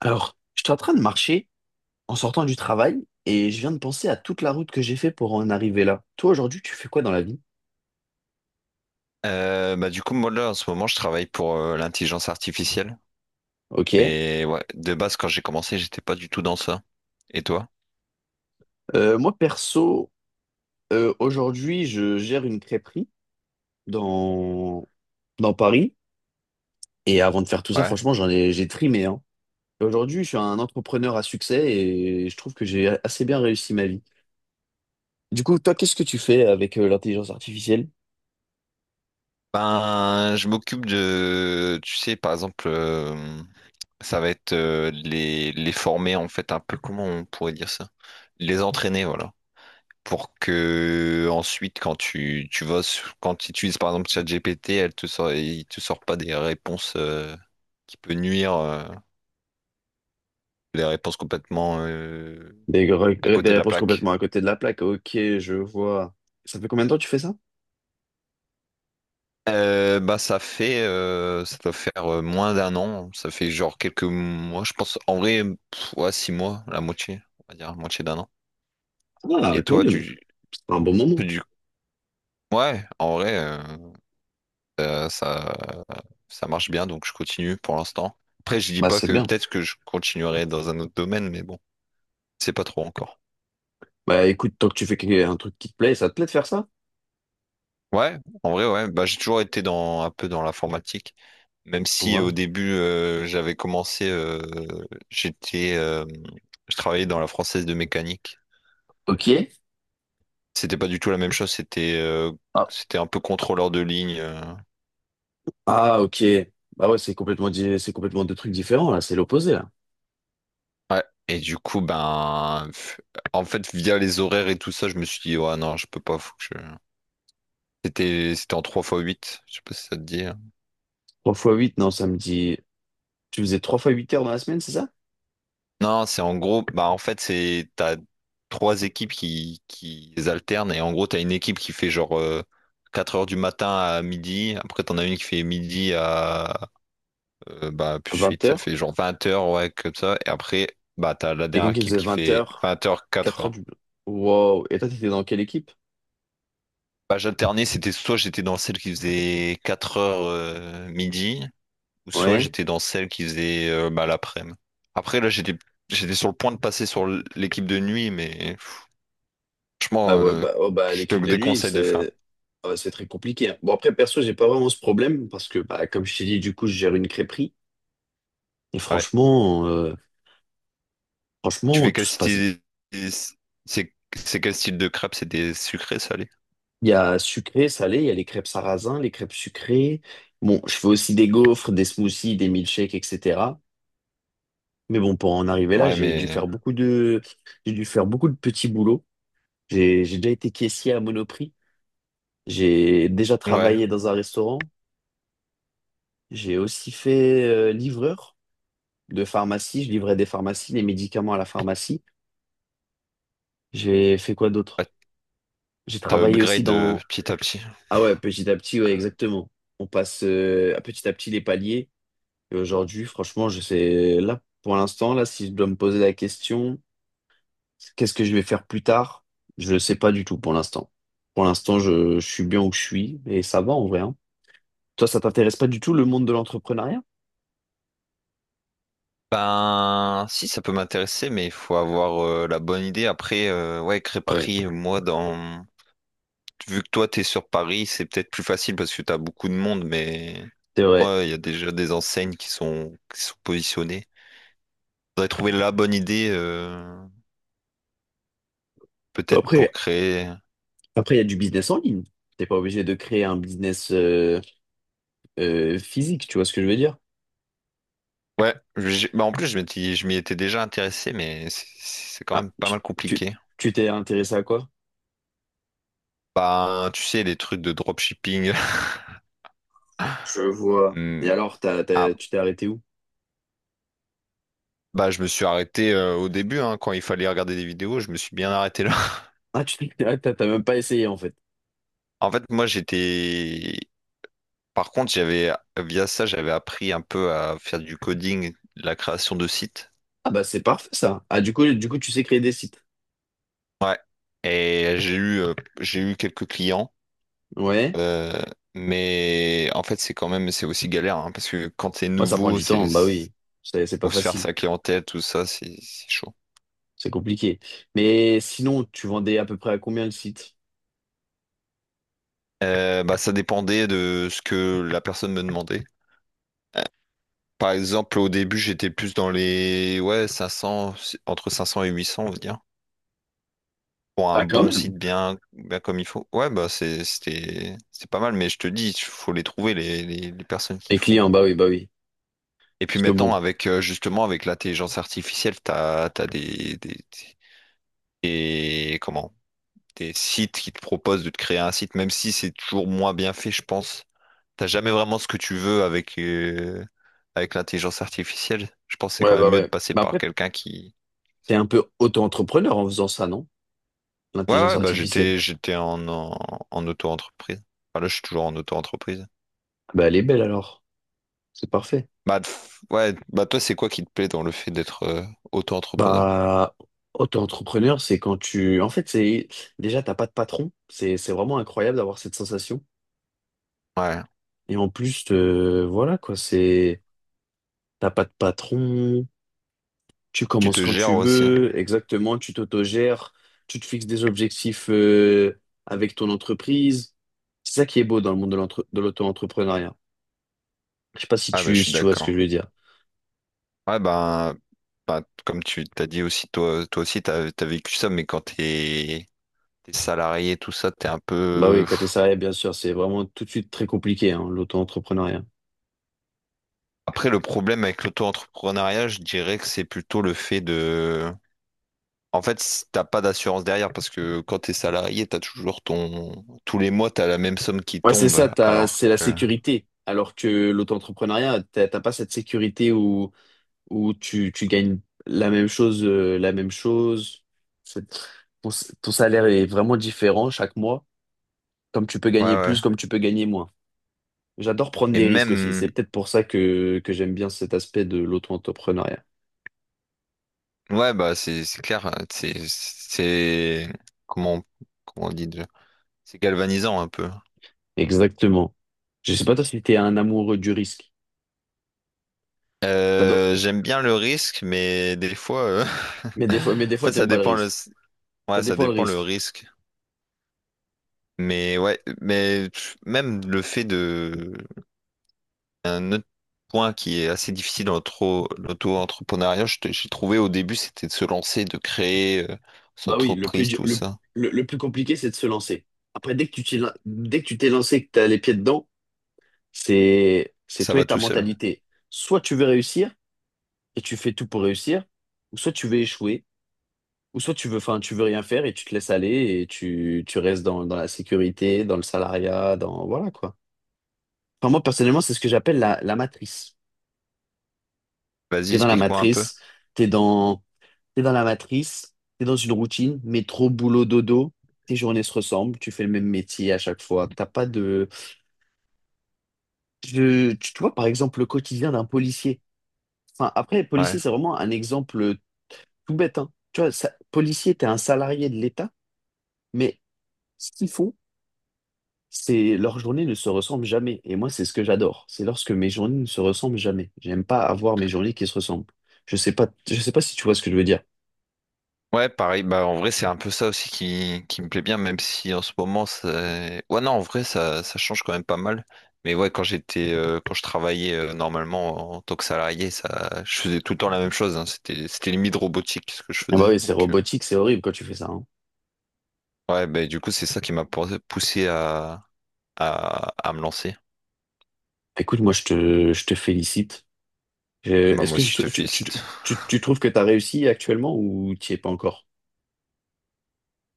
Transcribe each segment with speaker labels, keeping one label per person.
Speaker 1: Alors, j'étais en train de marcher en sortant du travail et je viens de penser à toute la route que j'ai fait pour en arriver là. Toi, aujourd'hui, tu fais quoi dans la vie?
Speaker 2: Du coup, moi là, en ce moment, je travaille pour l'intelligence artificielle.
Speaker 1: Ok.
Speaker 2: Mais ouais, de base, quand j'ai commencé, j'étais pas du tout dans ça. Et toi?
Speaker 1: Moi, perso, aujourd'hui, je gère une crêperie dans, dans Paris. Et avant de faire tout ça,
Speaker 2: Ouais.
Speaker 1: franchement, j'ai trimé, hein. Et aujourd'hui, je suis un entrepreneur à succès et je trouve que j'ai assez bien réussi ma vie. Du coup, toi, qu'est-ce que tu fais avec l'intelligence artificielle?
Speaker 2: Ben, je m'occupe de, tu sais, par exemple, ça va être les former, en fait, un peu, comment on pourrait dire ça? Les entraîner, voilà. Pour que ensuite, quand quand tu utilises, par exemple, ChatGPT, elle te il te sort pas des réponses qui peut nuire, des réponses
Speaker 1: Des, gre-
Speaker 2: à
Speaker 1: euh, des
Speaker 2: côté de la
Speaker 1: réponses
Speaker 2: plaque.
Speaker 1: complètement à côté de la plaque. Ok, je vois. Ça fait combien de temps que tu fais ça?
Speaker 2: Bah ça fait ça doit faire moins d'un an, ça fait genre quelques mois, je pense en vrai pff, ouais, six mois, la moitié, on va dire, la moitié d'un an.
Speaker 1: Ah,
Speaker 2: Et
Speaker 1: quand
Speaker 2: toi
Speaker 1: même.
Speaker 2: tu,
Speaker 1: Un bon moment.
Speaker 2: du ouais, en vrai euh, ça ça marche bien donc je continue pour l'instant. Après je dis
Speaker 1: Bah,
Speaker 2: pas
Speaker 1: c'est
Speaker 2: que
Speaker 1: bien.
Speaker 2: peut-être que je continuerai dans un autre domaine mais bon, c'est pas trop encore.
Speaker 1: Bah, écoute, tant que tu fais un truc qui te plaît, ça te plaît de faire ça?
Speaker 2: Ouais, en vrai, ouais. Bah, j'ai toujours été dans un peu dans l'informatique, même si au
Speaker 1: Voilà.
Speaker 2: début j'étais, euh, je travaillais dans la française de mécanique.
Speaker 1: Ok.
Speaker 2: C'était pas du tout la même chose.
Speaker 1: Ah,
Speaker 2: C'était un peu contrôleur de ligne.
Speaker 1: Ah, ok. Bah ouais, c'est c'est complètement deux trucs différents, là. C'est l'opposé, là.
Speaker 2: Ouais. Et du coup, en fait, via les horaires et tout ça, je me suis dit, ouais, non, je peux pas. Faut que je... C'était en 3 fois 8. Je sais pas si ça te dit.
Speaker 1: Trois fois huit non, ça me dit... Tu faisais 3 fois 8 heures dans la semaine, c'est ça?
Speaker 2: Non, c'est en gros, bah en fait, c'est t'as trois équipes qui alternent et en gros, t'as une équipe qui fait genre 4 heures du matin à midi, après t'en as une qui fait midi à bah plus
Speaker 1: À 20
Speaker 2: 8, ça
Speaker 1: heures?
Speaker 2: fait genre 20 heures, ouais, comme ça, et après, bah t'as la
Speaker 1: Quelqu'un
Speaker 2: dernière
Speaker 1: qui
Speaker 2: équipe
Speaker 1: faisait
Speaker 2: qui
Speaker 1: vingt
Speaker 2: fait
Speaker 1: heures,
Speaker 2: 20 heures, 4
Speaker 1: quatre heures
Speaker 2: heures.
Speaker 1: du... Wow. Et toi, t'étais dans quelle équipe?
Speaker 2: Bah j'alternais, c'était soit j'étais dans celle qui faisait 4 heures midi, ou soit
Speaker 1: Ouais.
Speaker 2: j'étais dans celle qui faisait bah, l'après-midi. Après, là, j'étais sur le point de passer sur l'équipe de nuit, mais. Franchement,
Speaker 1: Ah ouais, bah, oh bah,
Speaker 2: je te
Speaker 1: l'équipe de nuit,
Speaker 2: déconseille de faire.
Speaker 1: c'est ah bah, c'est très compliqué, hein. Bon, après, perso, j'ai pas vraiment ce problème parce que, bah, comme je t'ai dit, du coup, je gère une crêperie. Et
Speaker 2: Ouais.
Speaker 1: franchement,
Speaker 2: Tu fais
Speaker 1: tout
Speaker 2: quel
Speaker 1: se passe bien.
Speaker 2: style... c'est quel style de crêpes? C'est des sucrés, salés?
Speaker 1: Il y a sucré, salé, il y a les crêpes sarrasin, les crêpes sucrées. Bon, je fais aussi des gaufres, des smoothies, des milkshakes, etc. Mais bon, pour en arriver là,
Speaker 2: Ouais, mais...
Speaker 1: j'ai dû faire beaucoup de petits boulots. J'ai déjà été caissier à Monoprix. J'ai déjà
Speaker 2: Ouais.
Speaker 1: travaillé dans un restaurant. J'ai aussi fait livreur de pharmacie. Je livrais des pharmacies, les médicaments à la pharmacie. J'ai fait quoi d'autre?
Speaker 2: Ouais,
Speaker 1: J'ai
Speaker 2: t'as
Speaker 1: travaillé aussi
Speaker 2: upgrade
Speaker 1: dans...
Speaker 2: petit à petit.
Speaker 1: Ah ouais, petit à petit, ouais, exactement. On passe à petit les paliers. Et aujourd'hui, franchement, je sais... Là, pour l'instant, là, si je dois me poser la question, qu'est-ce que je vais faire plus tard? Je ne sais pas du tout pour l'instant. Pour l'instant, je suis bien où je suis et ça va en vrai, hein. Toi, ça t'intéresse pas du tout le monde de l'entrepreneuriat?
Speaker 2: Ben, si, ça peut m'intéresser, mais il faut avoir la bonne idée. Après, ouais,
Speaker 1: Ah ouais,
Speaker 2: crêperie, moi, dans... Vu que toi, t'es sur Paris, c'est peut-être plus facile parce que t'as beaucoup de monde, mais...
Speaker 1: c'est vrai.
Speaker 2: Moi, il y a déjà des enseignes qui sont positionnées. Faudrait trouver la bonne idée, peut-être pour
Speaker 1: Après,
Speaker 2: créer...
Speaker 1: il y a du business en ligne. T'es pas obligé de créer un business physique, tu vois ce que je veux dire?
Speaker 2: Ouais, bah en plus je m'y étais déjà intéressé, mais c'est quand
Speaker 1: Ah,
Speaker 2: même pas mal
Speaker 1: tu,
Speaker 2: compliqué.
Speaker 1: tu t'es intéressé à quoi?
Speaker 2: Bah, tu sais, les trucs de dropshipping.
Speaker 1: Je vois.
Speaker 2: Hmm.
Speaker 1: Et alors,
Speaker 2: Ah,
Speaker 1: tu t'es arrêté où?
Speaker 2: bah je me suis arrêté au début, hein, quand il fallait regarder des vidéos, je me suis bien arrêté là.
Speaker 1: Ah, tu t'es- ah, t'as t'as même pas essayé en fait.
Speaker 2: En fait, moi j'étais... Par contre, via ça, j'avais appris un peu à faire du coding, de la création de sites.
Speaker 1: Ah bah c'est parfait ça. Ah du coup, tu sais créer des sites.
Speaker 2: Ouais. Et j'ai eu quelques clients.
Speaker 1: Ouais.
Speaker 2: Euh, mais en fait, c'est quand même, c'est aussi galère, hein, parce que quand t'es
Speaker 1: Ouais, ça prend
Speaker 2: nouveau,
Speaker 1: du
Speaker 2: c'est
Speaker 1: temps, bah oui. C'est pas
Speaker 2: ou se faire
Speaker 1: facile.
Speaker 2: saquer en tête, tout ça, c'est chaud.
Speaker 1: C'est compliqué. Mais sinon, tu vendais à peu près à combien le site?
Speaker 2: Bah, ça dépendait de ce que la personne me demandait. Par exemple, au début, j'étais plus dans les ouais, 500 entre 500 et 800 on va dire, pour un
Speaker 1: Ah, quand
Speaker 2: bon
Speaker 1: même.
Speaker 2: site bien comme il faut. Ouais, bah c'était pas mal, mais je te dis, il faut les trouver, les personnes qui
Speaker 1: Les clients,
Speaker 2: font.
Speaker 1: bah oui, bah oui.
Speaker 2: Et puis
Speaker 1: Parce que
Speaker 2: maintenant,
Speaker 1: bon,
Speaker 2: avec justement, avec l'intelligence artificielle, t'as comment, des sites qui te proposent de te créer un site, même si c'est toujours moins bien fait, je pense. T'as jamais vraiment ce que tu veux avec, avec l'intelligence artificielle. Je pense que c'est
Speaker 1: ouais,
Speaker 2: quand même
Speaker 1: bah
Speaker 2: mieux de
Speaker 1: ouais.
Speaker 2: passer
Speaker 1: Mais
Speaker 2: par
Speaker 1: après,
Speaker 2: quelqu'un qui.
Speaker 1: t'es un peu auto-entrepreneur en faisant ça, non?
Speaker 2: Ouais,
Speaker 1: L'intelligence
Speaker 2: ouais, bah
Speaker 1: artificielle.
Speaker 2: j'étais j'étais en auto-entreprise. Enfin, là, je suis toujours en auto-entreprise.
Speaker 1: Bah elle est belle alors. C'est parfait.
Speaker 2: Bah, pff, ouais, bah toi, c'est quoi qui te plaît dans le fait d'être auto-entrepreneur?
Speaker 1: Bah, auto-entrepreneur, c'est quand tu... En fait, c'est déjà, t'as pas de patron. C'est vraiment incroyable d'avoir cette sensation.
Speaker 2: Ouais.
Speaker 1: Et en plus, voilà quoi, c'est... T'as pas de patron, tu
Speaker 2: Tu
Speaker 1: commences
Speaker 2: te
Speaker 1: quand tu
Speaker 2: gères aussi.
Speaker 1: veux, exactement, tu t'autogères, tu te fixes des objectifs avec ton entreprise. C'est ça qui est beau dans le monde de l'auto-entrepreneuriat. Je sais pas si
Speaker 2: Ah, bah je
Speaker 1: tu,
Speaker 2: suis
Speaker 1: si tu vois ce que
Speaker 2: d'accord.
Speaker 1: je veux dire.
Speaker 2: Ouais, ben, comme tu t'as dit aussi, toi aussi, t'as vécu ça, mais quand t'es salarié, tout ça, t'es un
Speaker 1: Bah oui,
Speaker 2: peu.
Speaker 1: côté salarié, bien sûr, c'est vraiment tout de suite très compliqué, hein, l'auto-entrepreneuriat.
Speaker 2: Après, le problème avec l'auto-entrepreneuriat, je dirais que c'est plutôt le fait de... En fait, t'as pas d'assurance derrière parce que quand t'es salarié, t'as toujours ton... Tous les mois, t'as la même somme qui
Speaker 1: Ouais, c'est
Speaker 2: tombe.
Speaker 1: ça,
Speaker 2: Alors
Speaker 1: c'est la
Speaker 2: que... Ouais,
Speaker 1: sécurité. Alors que l'auto-entrepreneuriat, t'as pas cette sécurité où tu gagnes la même chose. C'est- Ton, ton salaire est vraiment différent chaque mois. Comme tu peux gagner
Speaker 2: ouais.
Speaker 1: plus, comme tu peux gagner moins. J'adore prendre
Speaker 2: Et
Speaker 1: des risques aussi.
Speaker 2: même...
Speaker 1: C'est peut-être pour ça que j'aime bien cet aspect de l'auto-entrepreneuriat.
Speaker 2: Ouais, bah, c'est clair. Hein, c'est... Comment... on- Comment on dit déjà? C'est galvanisant un peu.
Speaker 1: Exactement. Je sais pas toi si t'es un amoureux du risque. T'adores-
Speaker 2: J'aime bien le risque, mais des fois...
Speaker 1: Mais
Speaker 2: En
Speaker 1: des fois,
Speaker 2: fait, ça
Speaker 1: t'aimes pas le
Speaker 2: dépend le...
Speaker 1: risque. Ça
Speaker 2: Ouais, ça
Speaker 1: dépend le
Speaker 2: dépend le
Speaker 1: risque.
Speaker 2: risque. Mais ouais, mais pff, même le fait de... Un autre point qui est assez difficile dans l'auto-entrepreneuriat, j'ai trouvé au début, c'était de se lancer, de créer son
Speaker 1: Bah oui, le plus,
Speaker 2: entreprise,
Speaker 1: du-
Speaker 2: tout ça.
Speaker 1: le plus compliqué, c'est de se lancer. Après, dès que tu t'es lancé, que tu as les pieds dedans, c'est
Speaker 2: Ça
Speaker 1: toi
Speaker 2: va
Speaker 1: et ta
Speaker 2: tout seul.
Speaker 1: mentalité. Soit tu veux réussir et tu fais tout pour réussir, ou soit tu veux échouer, ou soit enfin, tu veux rien faire et tu te laisses aller et tu restes dans la sécurité, dans le salariat, dans, voilà quoi. Enfin, moi, personnellement, c'est ce que j'appelle la matrice.
Speaker 2: Vas-y,
Speaker 1: T'es dans la
Speaker 2: explique-moi un peu.
Speaker 1: matrice, t'es dans, T'es dans la matrice, t'es dans une routine, métro, boulot, dodo, tes journées se ressemblent, tu fais le même métier à chaque fois. T'as pas de. Tu vois, par exemple, le quotidien d'un policier. Enfin, après,
Speaker 2: Ouais.
Speaker 1: policier c'est vraiment un exemple tout bête, hein. Tu vois, ça, policier, t'es un salarié de l'État, mais ce qu'ils font, c'est leurs journées ne se ressemblent jamais. Et moi, c'est ce que j'adore. C'est lorsque mes journées ne se ressemblent jamais. J'aime pas avoir mes journées qui se ressemblent. Je sais pas si tu vois ce que je veux dire.
Speaker 2: Ouais, pareil. Bah, en vrai, c'est un peu ça aussi qui me plaît bien, même si en ce moment, c'est... Ouais, non, en vrai, ça change quand même pas mal. Mais ouais, quand quand je travaillais normalement en tant que salarié, ça, je faisais tout le temps la même chose. Hein. C'était limite robotique ce que je
Speaker 1: Ah bah
Speaker 2: faisais.
Speaker 1: oui, c'est
Speaker 2: Donc,
Speaker 1: robotique, c'est horrible quand tu fais ça, hein.
Speaker 2: ouais, bah, du coup, c'est ça qui m'a poussé à me lancer.
Speaker 1: Écoute, moi, je te félicite.
Speaker 2: Bah,
Speaker 1: Est-ce
Speaker 2: moi
Speaker 1: que
Speaker 2: aussi, je te
Speaker 1: tu, tu, tu,
Speaker 2: félicite.
Speaker 1: tu- tu trouves que tu as réussi actuellement ou tu es pas encore?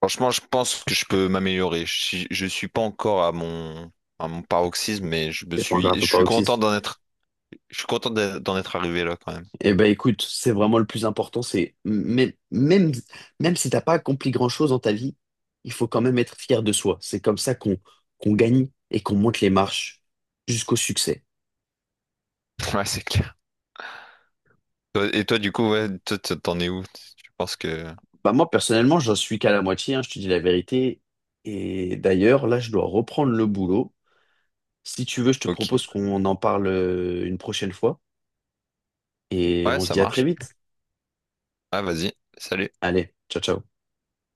Speaker 2: Franchement, je pense que je peux m'améliorer. Je suis pas encore à à mon paroxysme, mais
Speaker 1: T'es pas encore à
Speaker 2: je
Speaker 1: ton
Speaker 2: suis content
Speaker 1: paroxysme.
Speaker 2: d'en être, je suis content d'en être arrivé là quand même.
Speaker 1: Eh ben écoute, c'est vraiment le plus important, c'est même si t'as pas accompli grand-chose dans ta vie, il faut quand même être fier de soi. C'est comme ça qu'on gagne et qu'on monte les marches jusqu'au succès.
Speaker 2: Ouais, c'est clair. Et toi, du coup, ouais, toi, t'en es où? Je pense que,
Speaker 1: Bah moi personnellement, j'en suis qu'à la moitié, hein, je te dis la vérité. Et d'ailleurs, là, je dois reprendre le boulot. Si tu veux, je te
Speaker 2: ok.
Speaker 1: propose qu'on en parle une prochaine fois et
Speaker 2: Ouais,
Speaker 1: on se
Speaker 2: ça
Speaker 1: dit à très
Speaker 2: marche.
Speaker 1: vite.
Speaker 2: Ah, vas-y. Salut.
Speaker 1: Allez, ciao, ciao.